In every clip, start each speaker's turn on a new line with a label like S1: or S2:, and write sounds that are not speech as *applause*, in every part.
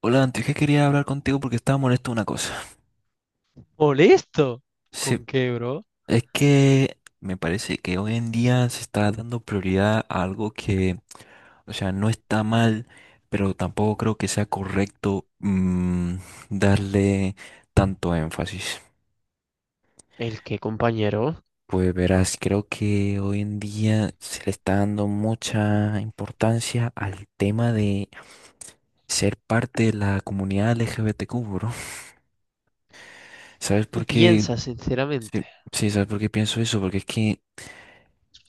S1: Hola, antes que quería hablar contigo porque estaba molesto de una cosa.
S2: Molesto.
S1: Sí,
S2: ¿Con qué, bro?
S1: es que me parece que hoy en día se está dando prioridad a algo que, o sea, no está mal, pero tampoco creo que sea correcto, mm, darle tanto énfasis.
S2: ¿El qué, compañero?
S1: Pues verás, creo que hoy en día se le está dando mucha importancia al tema de ser parte de la comunidad LGBTQ, bro. ¿Sabes
S2: Tú
S1: por qué?
S2: piensas, sinceramente.
S1: Sí, sí, ¿sabes por qué pienso eso? Porque es que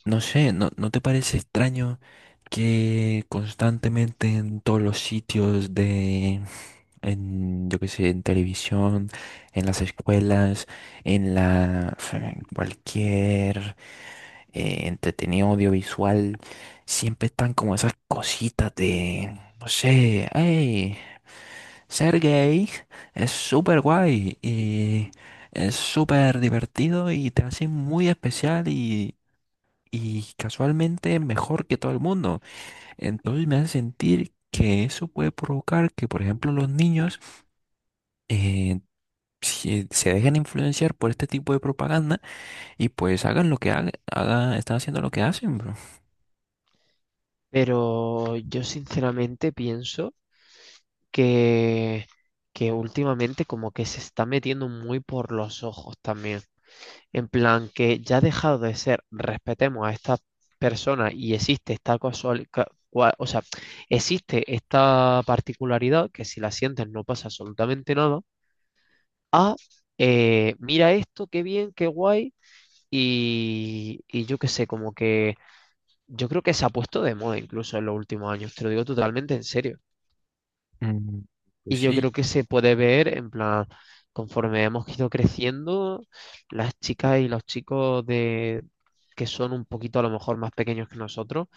S1: no sé, ¿no te parece extraño que constantemente en todos los sitios de, en, yo qué sé, en televisión, en las escuelas, en la, en cualquier entretenido audiovisual, siempre están como esas cositas de, no sé, hey, ser gay es súper guay y es súper divertido y te hace muy especial y casualmente mejor que todo el mundo. Entonces me hace sentir que eso puede provocar que, por ejemplo, los niños, eh, se dejen influenciar por este tipo de propaganda y pues hagan lo que hagan, haga, están haciendo lo que hacen, bro.
S2: Pero yo sinceramente pienso que, que últimamente como que se está metiendo muy por los ojos también. En plan, que ya ha dejado de ser, respetemos a esta persona y existe esta existe esta particularidad que si la sientes no pasa absolutamente nada. A, mira esto, qué bien, qué guay. Y yo qué sé, como que yo creo que se ha puesto de moda incluso en los últimos años, te lo digo totalmente en serio.
S1: Mm, pues
S2: Y yo
S1: sí.
S2: creo que se puede ver, en plan, conforme hemos ido creciendo, las chicas y los chicos de que son un poquito a lo mejor más pequeños que nosotros.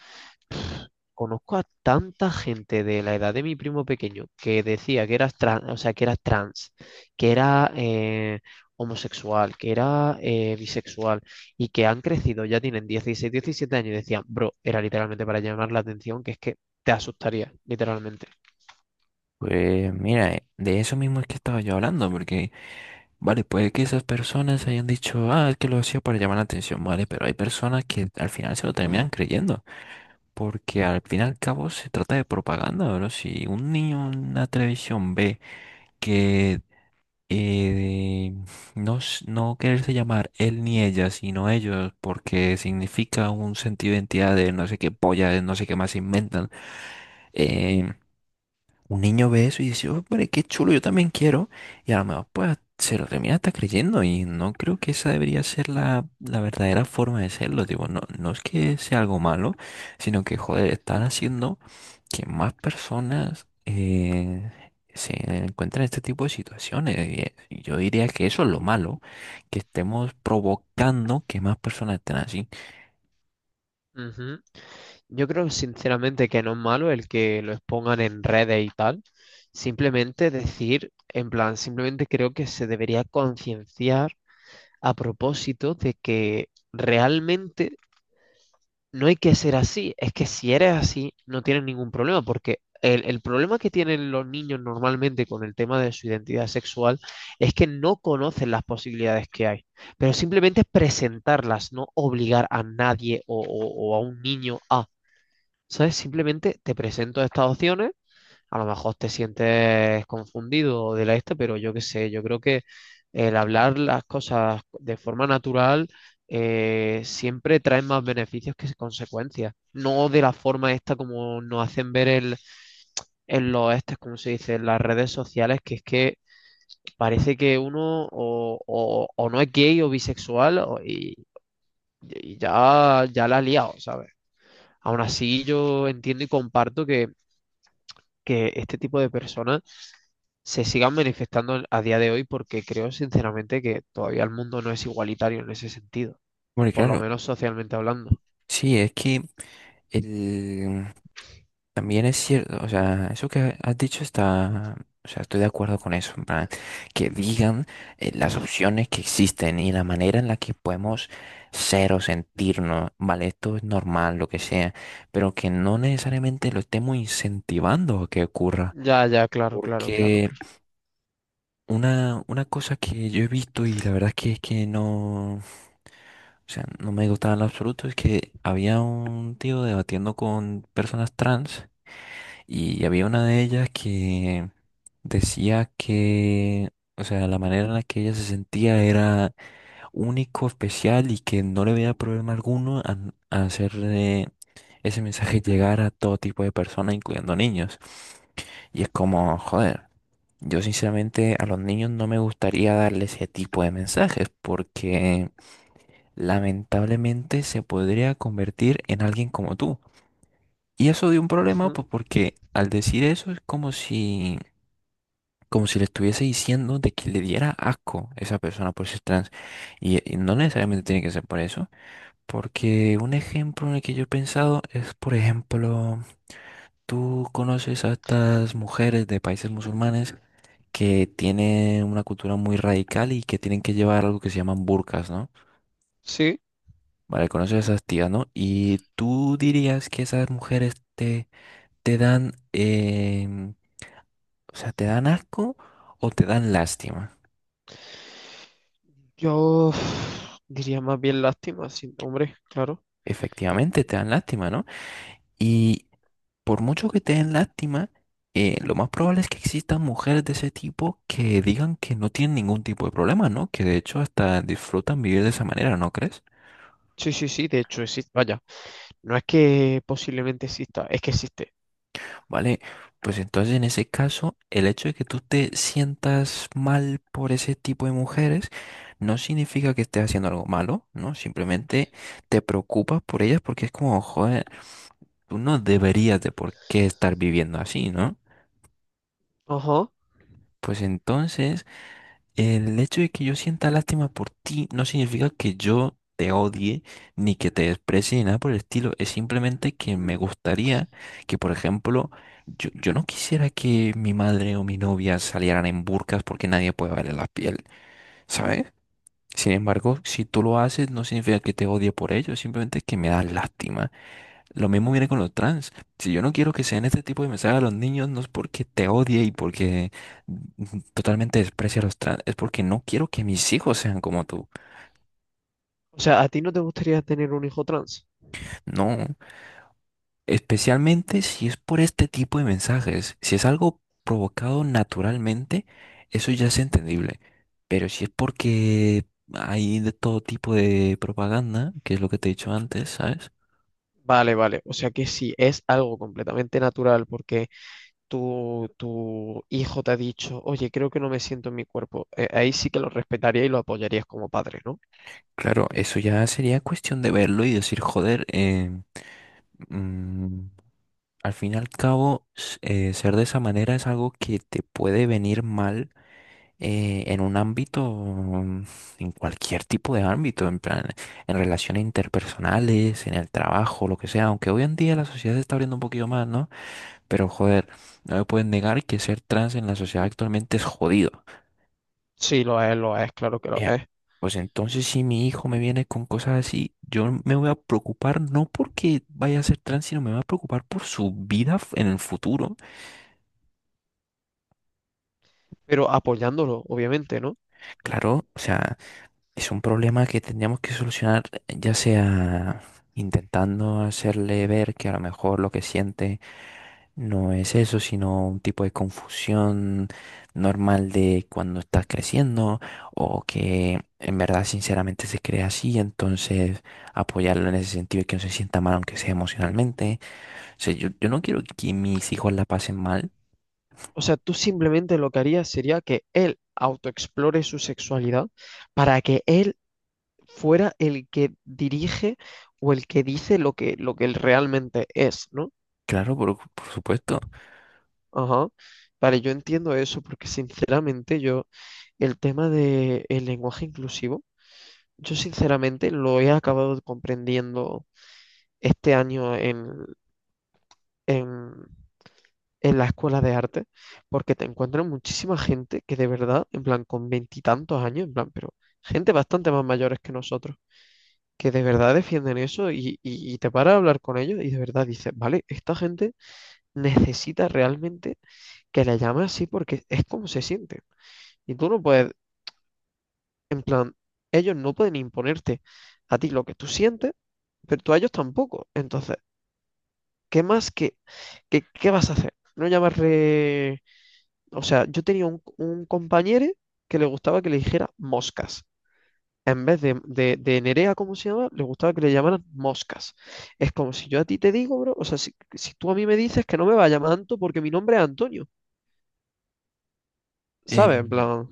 S2: Conozco a tanta gente de la edad de mi primo pequeño que decía que era trans, o sea, que era trans, que era homosexual, que era bisexual y que han crecido, ya tienen 16, 17 años y decían, bro, era literalmente para llamar la atención, que es que te asustaría, literalmente.
S1: Pues mira, de eso mismo es que estaba yo hablando, porque, vale, puede que esas personas hayan dicho, ah, es que lo hacía para llamar la atención, vale, pero hay personas que al final se lo terminan creyendo. Porque al fin y al cabo se trata de propaganda, bro. Si un niño en una televisión ve que, eh, no, s- no quererse llamar él ni ella, sino ellos, porque significa un sentido de identidad de no sé qué polla, de no sé qué más se inventan. eh, un niño ve eso y dice, "Oh, hombre, qué chulo, yo también quiero". Y a lo mejor pues se lo termina hasta creyendo. Y no creo que esa debería ser la verdadera forma de serlo. Digo, no, no es que sea algo malo, sino que, joder, están haciendo que más personas, se encuentran en este tipo de situaciones. Yo diría que eso es lo malo, que estemos provocando que más personas estén así.
S2: Ujú. Yo creo sinceramente que no es malo el que lo expongan en redes y tal. Simplemente decir, en plan, simplemente creo que se debería concienciar a propósito de que realmente no hay que ser así. Es que si eres así, no tienes ningún problema, porque el problema que tienen los niños normalmente con el tema de su identidad sexual es que no conocen las posibilidades que hay, pero simplemente es presentarlas, no obligar a nadie o a un niño a, ¿sabes? Simplemente te presento estas opciones, a lo mejor te sientes confundido de la esta, pero yo qué sé, yo creo que el hablar las cosas de forma natural siempre trae más beneficios que consecuencias. No de la forma esta como nos hacen ver el, en los estes, como se dice, en las redes sociales, que es que parece que uno o no es gay o bisexual o- y, y ya la ha liado, ¿sabes? Aún así, yo entiendo y comparto que este tipo de personas se sigan manifestando a día de hoy porque creo sinceramente que todavía el mundo no es igualitario en ese sentido,
S1: Porque
S2: por lo
S1: claro,
S2: menos socialmente hablando.
S1: sí, es que el, también es cierto, o sea, eso que has dicho está, o sea, estoy de acuerdo con eso, en plan, que digan, las opciones que existen y la manera en la que podemos ser o sentirnos, vale, esto es normal, lo que sea, pero que no necesariamente lo estemos incentivando a que ocurra,
S2: Ya, ya, claro, claro, claro,
S1: porque
S2: claro.
S1: una cosa que yo he visto y la verdad es que no, o sea, no me gustaba en lo absoluto es que había un tío debatiendo con personas trans. Y había una de ellas que decía que, o sea, la manera en la que ella se sentía era único, especial y que no le veía problema alguno a hacer, ese mensaje llegar a todo tipo de personas, incluyendo niños. Y es como, joder, yo sinceramente a los niños no me gustaría darle ese tipo de mensajes porque lamentablemente se podría convertir en alguien como tú. Y eso dio un problema,
S2: Ujú.
S1: pues porque al decir eso es como si, como si le estuviese diciendo de que le diera asco a esa persona por ser trans. Y no necesariamente tiene que ser por eso, porque un ejemplo en el que yo he pensado es, por ejemplo, tú conoces a estas mujeres de países musulmanes que tienen una cultura muy radical y que tienen que llevar algo que se llaman burkas, ¿no?
S2: Sí,
S1: Vale, conoces a esas tías, ¿no? Y tú dirías que esas mujeres te, te dan, o sea, te dan asco o te dan lástima.
S2: yo uf, diría más bien lástima, sí, hombre, claro.
S1: Efectivamente, te dan lástima, ¿no? Y por mucho que te den lástima, lo más probable es que existan mujeres de ese tipo que digan que no tienen ningún tipo de problema, ¿no? Que de hecho hasta disfrutan vivir de esa manera, ¿no crees?
S2: Sí, sí, sí, de hecho existe. Vaya, no es que posiblemente exista, es que existe.
S1: Vale, pues entonces en ese caso, el hecho de que tú te sientas mal por ese tipo de mujeres no significa que estés haciendo algo malo, ¿no? Simplemente te preocupas por ellas porque es como, joder, tú no deberías de por qué estar viviendo así, ¿no?
S2: Ajá.
S1: Pues entonces el hecho de que yo sienta lástima por ti no significa que yo te odie ni que te desprecie ni nada por el estilo. Es simplemente que me gustaría que, por ejemplo, yo no quisiera que mi madre o mi novia salieran en burkas porque nadie puede verle la piel, ¿sabes? Sin embargo, si tú lo haces, no significa que te odie por ello, simplemente que me das lástima. Lo mismo viene con los trans. Si yo no quiero que sean este tipo de mensajes a los niños, no es porque te odie y porque, totalmente desprecie a los trans, es porque no quiero que mis hijos sean como tú.
S2: O sea, ¿a ti no te gustaría tener un hijo trans?
S1: No, especialmente si es por este tipo de mensajes. Si es algo provocado naturalmente, eso ya es entendible. Pero si es porque hay de todo tipo de propaganda, que es lo que te he dicho antes, ¿sabes?
S2: Vale, vale. O sea que sí, es algo completamente natural porque tu hijo te ha dicho, oye, creo que no me siento en mi cuerpo, ahí sí que lo respetaría y lo apoyarías como padre, ¿no?
S1: Claro, eso ya sería cuestión de verlo y decir, joder, mm, al fin y al cabo, s- ser de esa manera es algo que te puede venir mal, en un ámbito, en cualquier tipo de ámbito, en plan, en relaciones interpersonales, en el trabajo, lo que sea, aunque hoy en día la sociedad se está abriendo un poquito más, ¿no? Pero joder, no me pueden negar que ser trans en la sociedad actualmente es jodido.
S2: Sí, lo es, claro que lo
S1: Ya,
S2: es,
S1: pues entonces si mi hijo me viene con cosas así, yo me voy a preocupar no porque vaya a ser trans, sino me voy a preocupar por su vida f- en el futuro.
S2: pero apoyándolo, obviamente, ¿no?
S1: Claro, o sea, es un problema que tendríamos que solucionar, ya sea intentando hacerle ver que a lo mejor lo que siente no es eso, sino un tipo de confusión normal de cuando estás creciendo o que en verdad sinceramente se cree así, entonces apoyarlo en ese sentido y que no se sienta mal, aunque sea emocionalmente. O sea, yo no quiero que mis hijos la pasen mal,
S2: O sea, tú simplemente lo que harías sería que él autoexplore su sexualidad para que él fuera el que dirige o el que dice lo que él realmente es, ¿no?
S1: claro, por supuesto.
S2: Ajá. Vale, yo entiendo eso porque sinceramente yo, el tema del lenguaje inclusivo, yo sinceramente lo he acabado comprendiendo este año en, en la escuela de arte, porque te encuentras muchísima gente que de verdad, en plan, con veintitantos años, en plan, pero gente bastante más mayores que nosotros, que de verdad defienden eso y te paras a hablar con ellos y de verdad dices, vale, esta gente necesita realmente que la llame así porque es como se siente. Y tú no puedes, en plan, ellos no pueden imponerte a ti lo que tú sientes, pero tú a ellos tampoco. Entonces... ¿Qué más? ¿Qué vas a hacer? No llamarle... O sea, yo tenía un compañero que le gustaba que le dijera moscas. En vez de Nerea, como se llama, le gustaba que le llamaran moscas. Es como si yo a ti te digo, bro, o sea, si tú a mí me dices que no me va a llamar Anto porque mi nombre es Antonio,
S1: Eh,
S2: ¿sabes? En plan,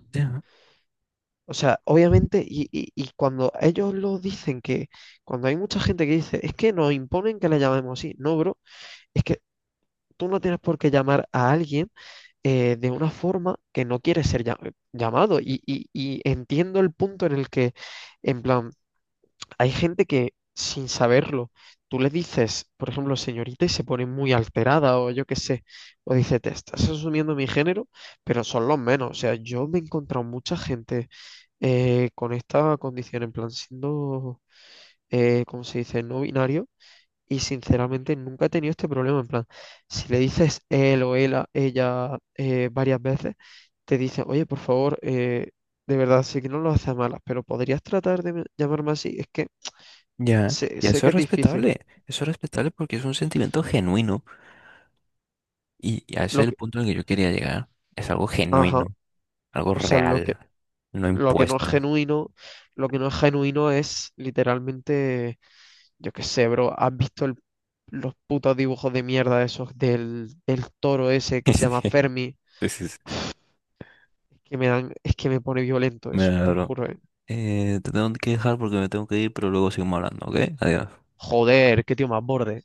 S2: o sea, obviamente, y cuando ellos lo dicen que, cuando hay mucha gente que dice, es que nos imponen que le llamemos así, no, bro, es que tú no tienes por qué llamar a alguien de una forma que no quiere ser llam- llamado. Y, y entiendo el punto en el que, en plan, hay gente que sin saberlo, tú le dices, por ejemplo, señorita, y se pone muy alterada o yo qué sé, o dice, te estás asumiendo mi género, pero son los menos. O sea, yo me he encontrado mucha gente con esta condición, en plan, siendo, ¿cómo se dice?, no binario, y sinceramente nunca he tenido este problema. En plan, si le dices él o ella, varias veces, te dice, oye, por favor, de verdad, sé que no lo haces a malas, pero podrías tratar de me- llamarme así. Es que
S1: Ya,
S2: sé,
S1: y
S2: sé que es difícil.
S1: eso es respetable porque es un sentimiento genuino y a ese
S2: Lo
S1: es el
S2: que,
S1: punto en el que yo quería llegar. Es algo
S2: ajá,
S1: genuino, algo
S2: o sea,
S1: real, no
S2: lo que no es
S1: impuesto.
S2: genuino, lo que no es genuino es literalmente, yo qué sé, bro, ¿has visto el- los putos dibujos de mierda esos del toro ese que se llama
S1: *laughs*
S2: Fermi?
S1: Sí, sí, sí.
S2: Que me dan, es que me pone violento
S1: Me
S2: eso, te lo
S1: adoro.
S2: juro, ¿eh?
S1: Te tengo que dejar porque me tengo que ir, pero luego seguimos hablando, ¿ok? Adiós.
S2: Joder, qué tío más borde.